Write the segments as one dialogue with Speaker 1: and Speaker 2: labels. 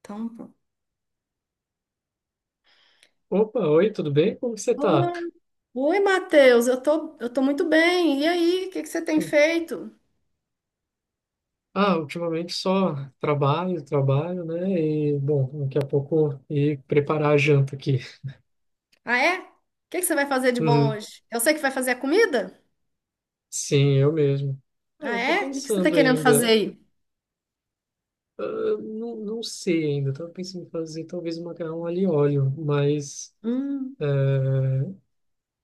Speaker 1: Então, pô.
Speaker 2: Opa, oi, tudo bem? Como que você tá?
Speaker 1: Oi, Oi, Matheus, eu tô muito bem. E aí, o que que você tem feito?
Speaker 2: Ah, ultimamente só trabalho, né? E, bom, daqui a pouco ir preparar a janta aqui.
Speaker 1: Ah, é? O que que você vai fazer de bom
Speaker 2: Uhum.
Speaker 1: hoje? Eu sei que vai fazer a comida?
Speaker 2: Sim, eu mesmo. Ah,
Speaker 1: Ah,
Speaker 2: eu tô
Speaker 1: é? O que que você tá
Speaker 2: pensando
Speaker 1: querendo fazer
Speaker 2: ainda,
Speaker 1: aí?
Speaker 2: ah, não sei ainda, tava pensando em fazer talvez um macarrão alho e óleo, mas
Speaker 1: Hum,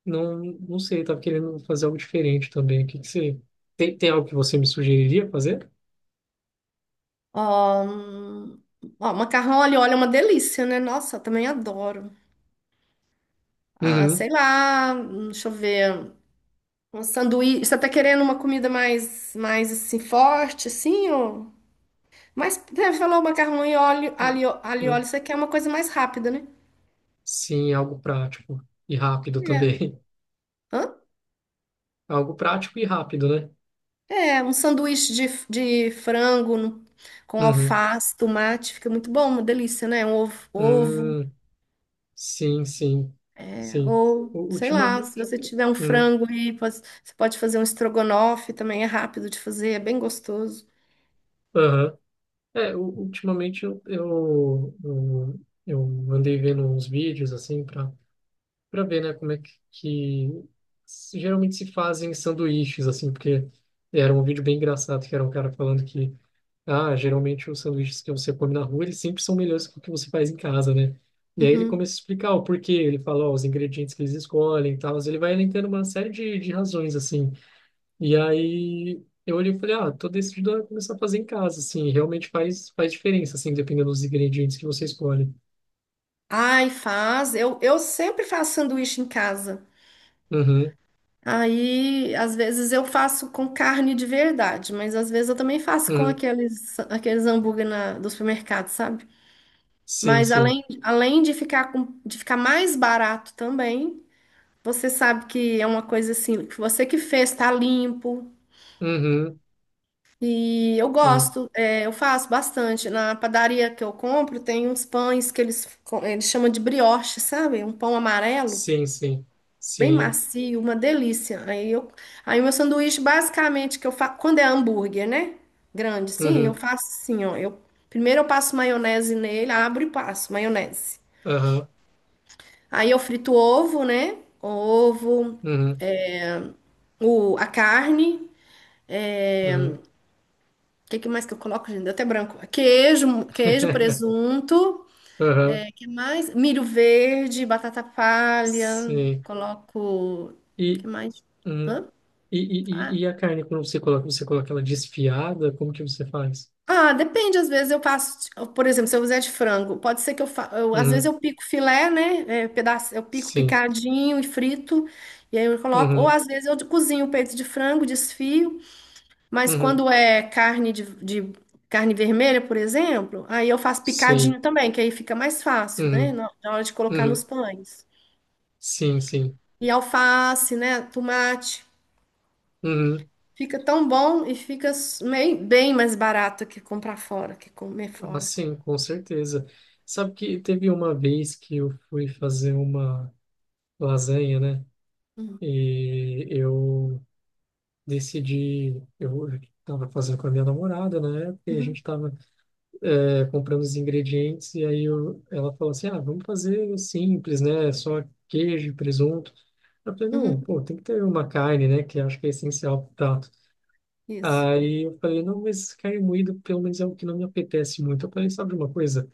Speaker 2: não sei, tava querendo fazer algo diferente também. O que que você... Tem algo que você me sugeriria fazer?
Speaker 1: ó, ó, macarrão ali, olha, é uma delícia, né? Nossa, eu também adoro. Ah,
Speaker 2: Uhum.
Speaker 1: sei lá, deixa eu ver. Um sanduíche. Você tá querendo uma comida mais assim, forte, assim, ou... Mas, você falou macarrão e óleo,
Speaker 2: Ah,
Speaker 1: alho e óleo,
Speaker 2: Hum.
Speaker 1: você quer uma coisa mais rápida, né?
Speaker 2: Sim, algo prático e rápido
Speaker 1: É.
Speaker 2: também.
Speaker 1: Hã?
Speaker 2: Algo prático e rápido, né?
Speaker 1: É, um sanduíche de frango com
Speaker 2: Uhum.
Speaker 1: alface, tomate, fica muito bom, uma delícia, né? Um ovo,
Speaker 2: Hum, sim, sim,
Speaker 1: é,
Speaker 2: sim.
Speaker 1: ou
Speaker 2: U-
Speaker 1: sei lá, se
Speaker 2: Ultimamente,
Speaker 1: você tiver um
Speaker 2: hum,
Speaker 1: frango aí, você pode fazer um estrogonofe também, é rápido de fazer, é bem gostoso.
Speaker 2: aham. É, ultimamente eu andei vendo uns vídeos assim para ver, né, como é que geralmente se fazem sanduíches assim, porque era um vídeo bem engraçado que era um cara falando que ah, geralmente os sanduíches que você come na rua, eles sempre são melhores que o que você faz em casa, né? E aí ele
Speaker 1: Uhum.
Speaker 2: começa a explicar o porquê, ele fala, ó, os ingredientes que eles escolhem e tal, ele vai elencando uma série de razões, assim. E aí eu olhei e falei, ah, tô decidido a começar a fazer em casa, assim, realmente faz diferença, assim, dependendo dos ingredientes que você escolhe.
Speaker 1: Ai, faz. Eu sempre faço sanduíche em casa.
Speaker 2: Uhum,
Speaker 1: Aí, às vezes eu faço com carne de verdade, mas às vezes eu também faço com
Speaker 2: uhum,
Speaker 1: aqueles hambúrguer do supermercado, sabe?
Speaker 2: sim,
Speaker 1: Mas
Speaker 2: sim.
Speaker 1: além de ficar mais barato também, você sabe que é uma coisa assim, que você que fez, tá limpo.
Speaker 2: Uhum,
Speaker 1: E eu
Speaker 2: uhum,
Speaker 1: gosto, é, eu faço bastante. Na padaria que eu compro, tem uns pães que eles chamam de brioche, sabe? Um pão amarelo,
Speaker 2: sim,
Speaker 1: bem
Speaker 2: sim.
Speaker 1: macio, uma delícia. Aí o meu sanduíche, basicamente, que eu faço, quando é hambúrguer, né? Grande, sim, eu
Speaker 2: Uhum,
Speaker 1: faço assim, ó. Primeiro eu passo maionese nele, abro e passo maionese.
Speaker 2: aham,
Speaker 1: Aí eu frito o ovo, né? O ovo,
Speaker 2: uhum,
Speaker 1: a carne. É,
Speaker 2: uhum,
Speaker 1: o que que mais que eu coloco, gente? Deu até branco. Queijo, presunto.
Speaker 2: aham,
Speaker 1: É, que mais? Milho verde, batata palha.
Speaker 2: sim.
Speaker 1: Coloco. Que
Speaker 2: E...
Speaker 1: mais?
Speaker 2: uhum.
Speaker 1: Hã?
Speaker 2: E,
Speaker 1: Ah,
Speaker 2: e, e e a carne, quando você coloca ela desfiada, como que você faz?
Speaker 1: ah, depende. Às vezes eu faço. Por exemplo, se eu fizer de frango, pode ser que eu, às vezes
Speaker 2: Uhum,
Speaker 1: eu pico filé, né? É, eu pico
Speaker 2: sim.
Speaker 1: picadinho e frito. E aí eu coloco. Ou
Speaker 2: Uhum,
Speaker 1: às vezes eu cozinho o peito de frango, desfio. Mas
Speaker 2: uhum,
Speaker 1: quando é carne de carne vermelha, por exemplo, aí eu faço
Speaker 2: sim.
Speaker 1: picadinho também, que aí fica mais fácil, né?
Speaker 2: Uhum,
Speaker 1: Na hora de colocar nos
Speaker 2: uhum,
Speaker 1: pães.
Speaker 2: sim, sim.
Speaker 1: E alface, né? Tomate.
Speaker 2: Uhum.
Speaker 1: Fica tão bom e fica bem mais barato que comprar fora, que comer
Speaker 2: Ah,
Speaker 1: fora.
Speaker 2: sim, com certeza. Sabe que teve uma vez que eu fui fazer uma lasanha, né? E eu decidi, eu estava fazendo com a minha namorada na época, e a
Speaker 1: Uhum,
Speaker 2: gente estava comprando os ingredientes e aí eu, ela falou assim, ah, vamos fazer simples, né? Só queijo e presunto. Eu falei,
Speaker 1: uhum,
Speaker 2: não, pô, tem que ter uma carne, né? Que eu acho que é essencial pro prato.
Speaker 1: isso.
Speaker 2: Aí eu falei, não, mas carne moída pelo menos é o que não me apetece muito. Eu falei, sabe de uma coisa?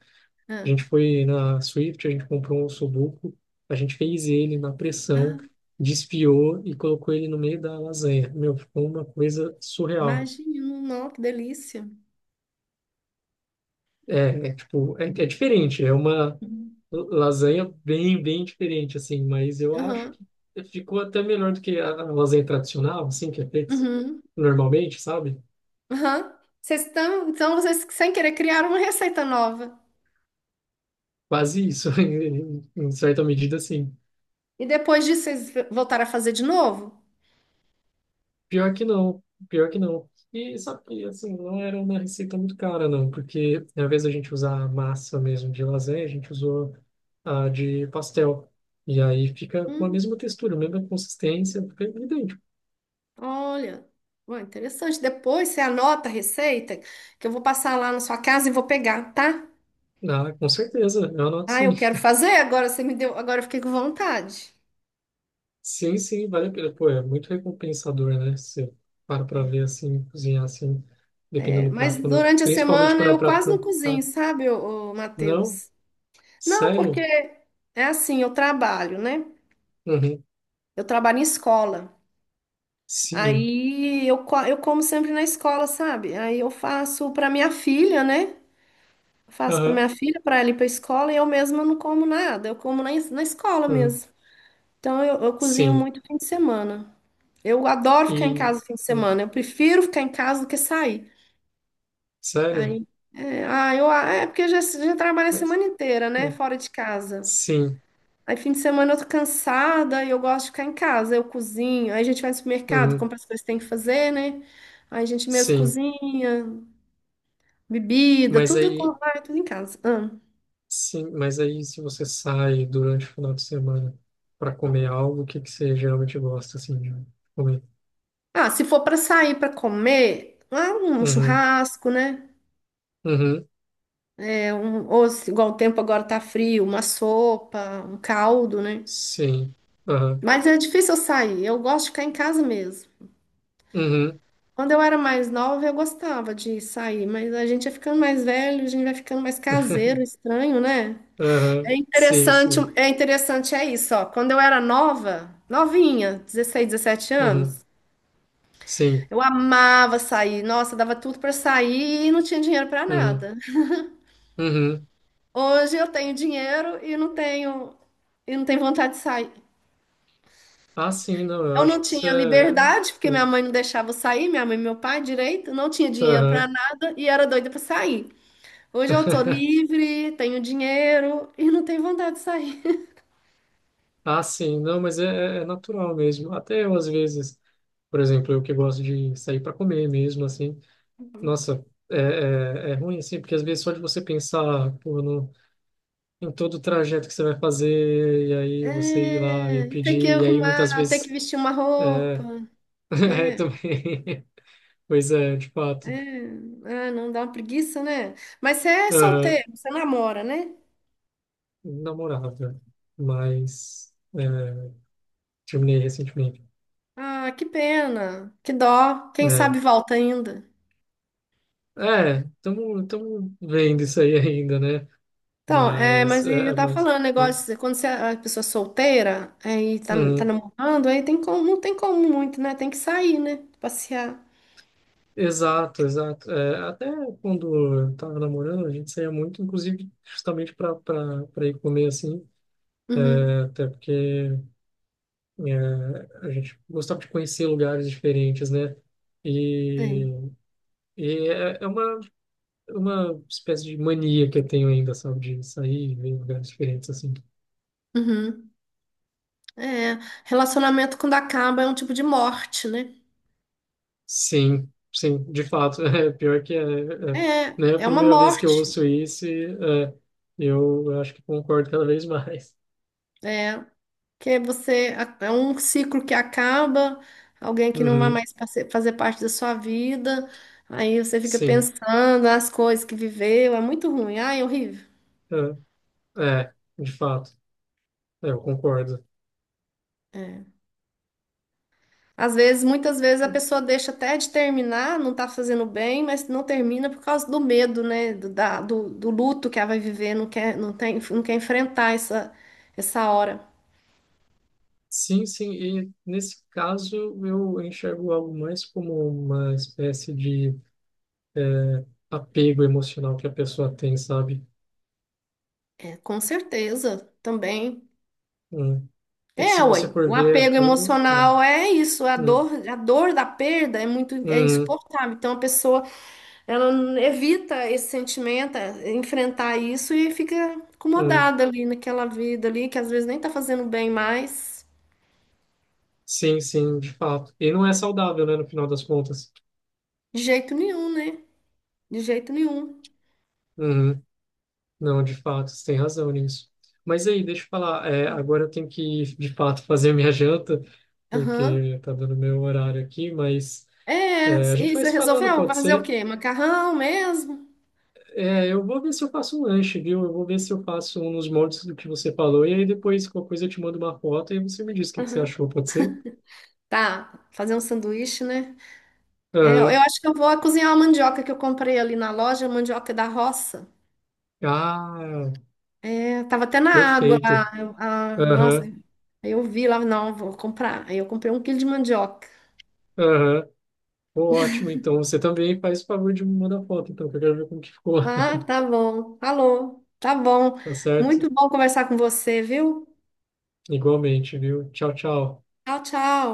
Speaker 2: A
Speaker 1: Ah,
Speaker 2: gente foi na Swift, a gente comprou um sudoku, a gente fez ele na pressão,
Speaker 1: ah,
Speaker 2: desfiou e colocou ele no meio da lasanha. Meu, ficou uma coisa surreal.
Speaker 1: imagino, não, que delícia.
Speaker 2: É, é tipo, é, é diferente, é uma
Speaker 1: Uhum,
Speaker 2: lasanha bem diferente, assim, mas eu acho
Speaker 1: uhum,
Speaker 2: que ficou até melhor do que a lasanha tradicional, assim, que é feita
Speaker 1: uhum.
Speaker 2: normalmente, sabe?
Speaker 1: Aham. Então vocês sem querer criaram uma receita nova.
Speaker 2: Quase isso, em certa medida, sim.
Speaker 1: E depois disso vocês voltaram a fazer de novo?
Speaker 2: Pior que não, pior que não. E sabe que, assim, não era uma receita muito cara, não, porque ao invés da gente usar a massa mesmo de lasanha, a gente usou a de pastel. E aí fica com a
Speaker 1: Hum,
Speaker 2: mesma textura, a mesma consistência, fica idêntico.
Speaker 1: olha, ué, interessante. Depois você anota a receita que eu vou passar lá na sua casa e vou pegar, tá?
Speaker 2: Ah, com certeza, eu anoto
Speaker 1: Ah, eu
Speaker 2: sim.
Speaker 1: quero fazer, agora você me deu, agora eu fiquei com vontade.
Speaker 2: Sim, sim, vale a pena. Pô, é muito recompensador, né? Você para pra ver assim, cozinhar assim,
Speaker 1: É,
Speaker 2: dependendo do
Speaker 1: mas
Speaker 2: prato. Quando eu-
Speaker 1: durante a
Speaker 2: principalmente
Speaker 1: semana
Speaker 2: quando é um
Speaker 1: eu
Speaker 2: prato
Speaker 1: quase não cozinho,
Speaker 2: complicado.
Speaker 1: sabe, ô, ô,
Speaker 2: Não?
Speaker 1: Matheus? Não, porque
Speaker 2: Sério?
Speaker 1: é assim, eu trabalho, né?
Speaker 2: Uhum.
Speaker 1: Eu trabalho em escola.
Speaker 2: Sim.
Speaker 1: Aí eu como sempre na escola, sabe? Aí eu faço para minha filha, né? Eu faço para
Speaker 2: Aham.
Speaker 1: minha filha, para ela ir para escola e eu mesma não como nada, eu como na escola
Speaker 2: Hum.
Speaker 1: mesmo. Então eu cozinho
Speaker 2: Sim.
Speaker 1: muito fim de semana. Eu adoro ficar em
Speaker 2: E.
Speaker 1: casa fim de
Speaker 2: Hum.
Speaker 1: semana. Eu prefiro ficar em casa do que sair.
Speaker 2: Sério?
Speaker 1: Aí, é porque eu já, já trabalho a
Speaker 2: Mas.
Speaker 1: semana inteira, né?
Speaker 2: Hum.
Speaker 1: Fora de casa.
Speaker 2: Sim.
Speaker 1: Aí fim de semana eu tô cansada e eu gosto de ficar em casa. Eu cozinho. Aí a gente vai no supermercado,
Speaker 2: Uhum.
Speaker 1: compra as coisas que tem que fazer, né? Aí a gente mesmo
Speaker 2: Sim.
Speaker 1: cozinha, bebida,
Speaker 2: Mas
Speaker 1: tudo, eu
Speaker 2: aí.
Speaker 1: compro, vai tudo em casa. Ah,
Speaker 2: Sim, mas aí se você sai durante o final de semana para comer algo, o que que você geralmente gosta assim de comer?
Speaker 1: Ah, se for para sair para comer, um
Speaker 2: Uhum.
Speaker 1: churrasco, né?
Speaker 2: Uhum.
Speaker 1: É um, ou igual o tempo agora tá frio, uma sopa, um caldo, né?
Speaker 2: Sim. Aham.
Speaker 1: Mas é difícil eu sair. Eu gosto de ficar em casa mesmo.
Speaker 2: Uhum.
Speaker 1: Quando eu era mais nova, eu gostava de sair, mas a gente vai ficando mais velho, a gente vai ficando mais caseiro, estranho, né? É
Speaker 2: Uhum. Sim,
Speaker 1: interessante,
Speaker 2: sim.
Speaker 1: é interessante é isso, ó. Quando eu era nova, novinha, 16 17
Speaker 2: Uhum.
Speaker 1: anos,
Speaker 2: Sim.
Speaker 1: eu amava sair. Nossa, dava tudo pra sair e não tinha dinheiro pra
Speaker 2: Uhum.
Speaker 1: nada.
Speaker 2: Uhum.
Speaker 1: Hoje eu tenho dinheiro e não tenho vontade de sair.
Speaker 2: Ah, sim, não, eu
Speaker 1: Eu não
Speaker 2: acho que isso
Speaker 1: tinha
Speaker 2: é.
Speaker 1: liberdade, porque minha
Speaker 2: É,
Speaker 1: mãe não deixava eu sair, minha mãe e meu pai direito, não tinha dinheiro para
Speaker 2: Uhum.
Speaker 1: nada e era doida para sair. Hoje eu tô livre, tenho dinheiro e não tenho vontade de sair.
Speaker 2: Ah, sim, não, mas é, é é natural mesmo. Até eu, às vezes, por exemplo, eu que gosto de sair para comer mesmo, assim, nossa, é, é, é ruim, assim, porque às vezes só de você pensar, pô, no, em todo o trajeto que você vai fazer, e aí você ir lá e
Speaker 1: É, e ter que
Speaker 2: pedir, e aí muitas
Speaker 1: arrumar, ter que
Speaker 2: vezes.
Speaker 1: vestir uma roupa,
Speaker 2: É, é
Speaker 1: né?
Speaker 2: também. Pois é, de
Speaker 1: É,
Speaker 2: fato.
Speaker 1: não dá uma preguiça, né? Mas você é
Speaker 2: Aham.
Speaker 1: solteiro, você namora, né?
Speaker 2: Namorada, mas é, terminei recentemente.
Speaker 1: Ah, que pena, que dó. Quem
Speaker 2: É,
Speaker 1: sabe volta ainda.
Speaker 2: é, estamos vendo isso aí ainda, né?
Speaker 1: Então, é,
Speaker 2: Mas,
Speaker 1: mas e
Speaker 2: é,
Speaker 1: eu
Speaker 2: é,
Speaker 1: tava
Speaker 2: mas,
Speaker 1: falando, negócio, quando você é a pessoa solteira é, e tá
Speaker 2: hum,
Speaker 1: namorando, aí tem como, não tem como muito, né? Tem que sair, né? Passear.
Speaker 2: exato, exato. É, até quando eu estava namorando, a gente saía muito, inclusive, justamente para ir comer assim,
Speaker 1: Uhum,
Speaker 2: né? Até porque é, a gente gostava de conhecer lugares diferentes, né? E,
Speaker 1: tem.
Speaker 2: e é, é uma espécie de mania que eu tenho ainda, sabe, de sair e ver lugares diferentes, assim.
Speaker 1: Uhum. É, relacionamento quando acaba é um tipo de morte, né?
Speaker 2: Sim, sim, de fato, é pior que é, é,
Speaker 1: É,
Speaker 2: né, a
Speaker 1: é uma
Speaker 2: primeira vez que eu
Speaker 1: morte.
Speaker 2: ouço isso, e, é, eu acho que concordo cada vez mais.
Speaker 1: É, que você, é um ciclo que acaba, alguém que não vai
Speaker 2: Uhum,
Speaker 1: mais fazer parte da sua vida, aí você fica
Speaker 2: sim,
Speaker 1: pensando nas coisas que viveu, é muito ruim, ai, é horrível.
Speaker 2: é, é, de fato, é, eu concordo.
Speaker 1: É. Às vezes, muitas vezes a pessoa deixa até de terminar, não tá fazendo bem, mas não termina por causa do medo, né? Do luto que ela vai viver, não quer, não tem, não quer enfrentar essa hora.
Speaker 2: Sim, sim, e nesse caso eu enxergo algo mais como uma espécie de é, apego emocional que a pessoa tem, sabe?
Speaker 1: É, com certeza, também.
Speaker 2: Hum. E que
Speaker 1: É,
Speaker 2: se você
Speaker 1: ué,
Speaker 2: for
Speaker 1: o
Speaker 2: ver a
Speaker 1: apego
Speaker 2: fundo, é,
Speaker 1: emocional é isso, a
Speaker 2: hum,
Speaker 1: dor, a dor da perda é muito, é
Speaker 2: hum,
Speaker 1: insuportável. Então a pessoa, ela evita esse sentimento, é, enfrentar isso e fica
Speaker 2: hum,
Speaker 1: acomodada ali naquela vida ali, que às vezes nem tá fazendo bem mais,
Speaker 2: sim, sim, de fato. E não é saudável, né, no final das contas.
Speaker 1: de jeito nenhum, né? De jeito nenhum.
Speaker 2: Uhum, não, de fato, você tem razão nisso. Mas aí, deixa eu falar, é, agora eu tenho que, de fato, fazer minha janta,
Speaker 1: Aham.
Speaker 2: porque tá dando meu horário aqui, mas
Speaker 1: É,
Speaker 2: é, a gente
Speaker 1: e
Speaker 2: vai
Speaker 1: você
Speaker 2: se falando,
Speaker 1: resolveu?
Speaker 2: pode
Speaker 1: Vai fazer o
Speaker 2: ser?
Speaker 1: quê? Macarrão mesmo?
Speaker 2: É, eu vou ver se eu faço um lanche, viu? Eu vou ver se eu faço um nos moldes do que você falou, e aí depois, qualquer coisa, eu te mando uma foto e você me diz o que que você
Speaker 1: Aham.
Speaker 2: achou, pode ser?
Speaker 1: Tá, fazer um sanduíche, né? É, eu
Speaker 2: Aham.
Speaker 1: acho que eu vou cozinhar uma mandioca que eu comprei ali na loja, mandioca da roça.
Speaker 2: Ah,
Speaker 1: É, tava até na água lá.
Speaker 2: perfeito.
Speaker 1: Nossa,
Speaker 2: Aham,
Speaker 1: aí eu vi lá, não, vou comprar. Aí eu comprei 1 quilo de mandioca.
Speaker 2: aham. Pô, ótimo, então você também faz o favor de me mandar foto, então, que eu quero ver como que ficou.
Speaker 1: Ah, tá bom. Falou. Tá bom.
Speaker 2: Tá certo?
Speaker 1: Muito bom conversar com você, viu?
Speaker 2: Igualmente, viu? Tchau, tchau.
Speaker 1: Tchau, tchau.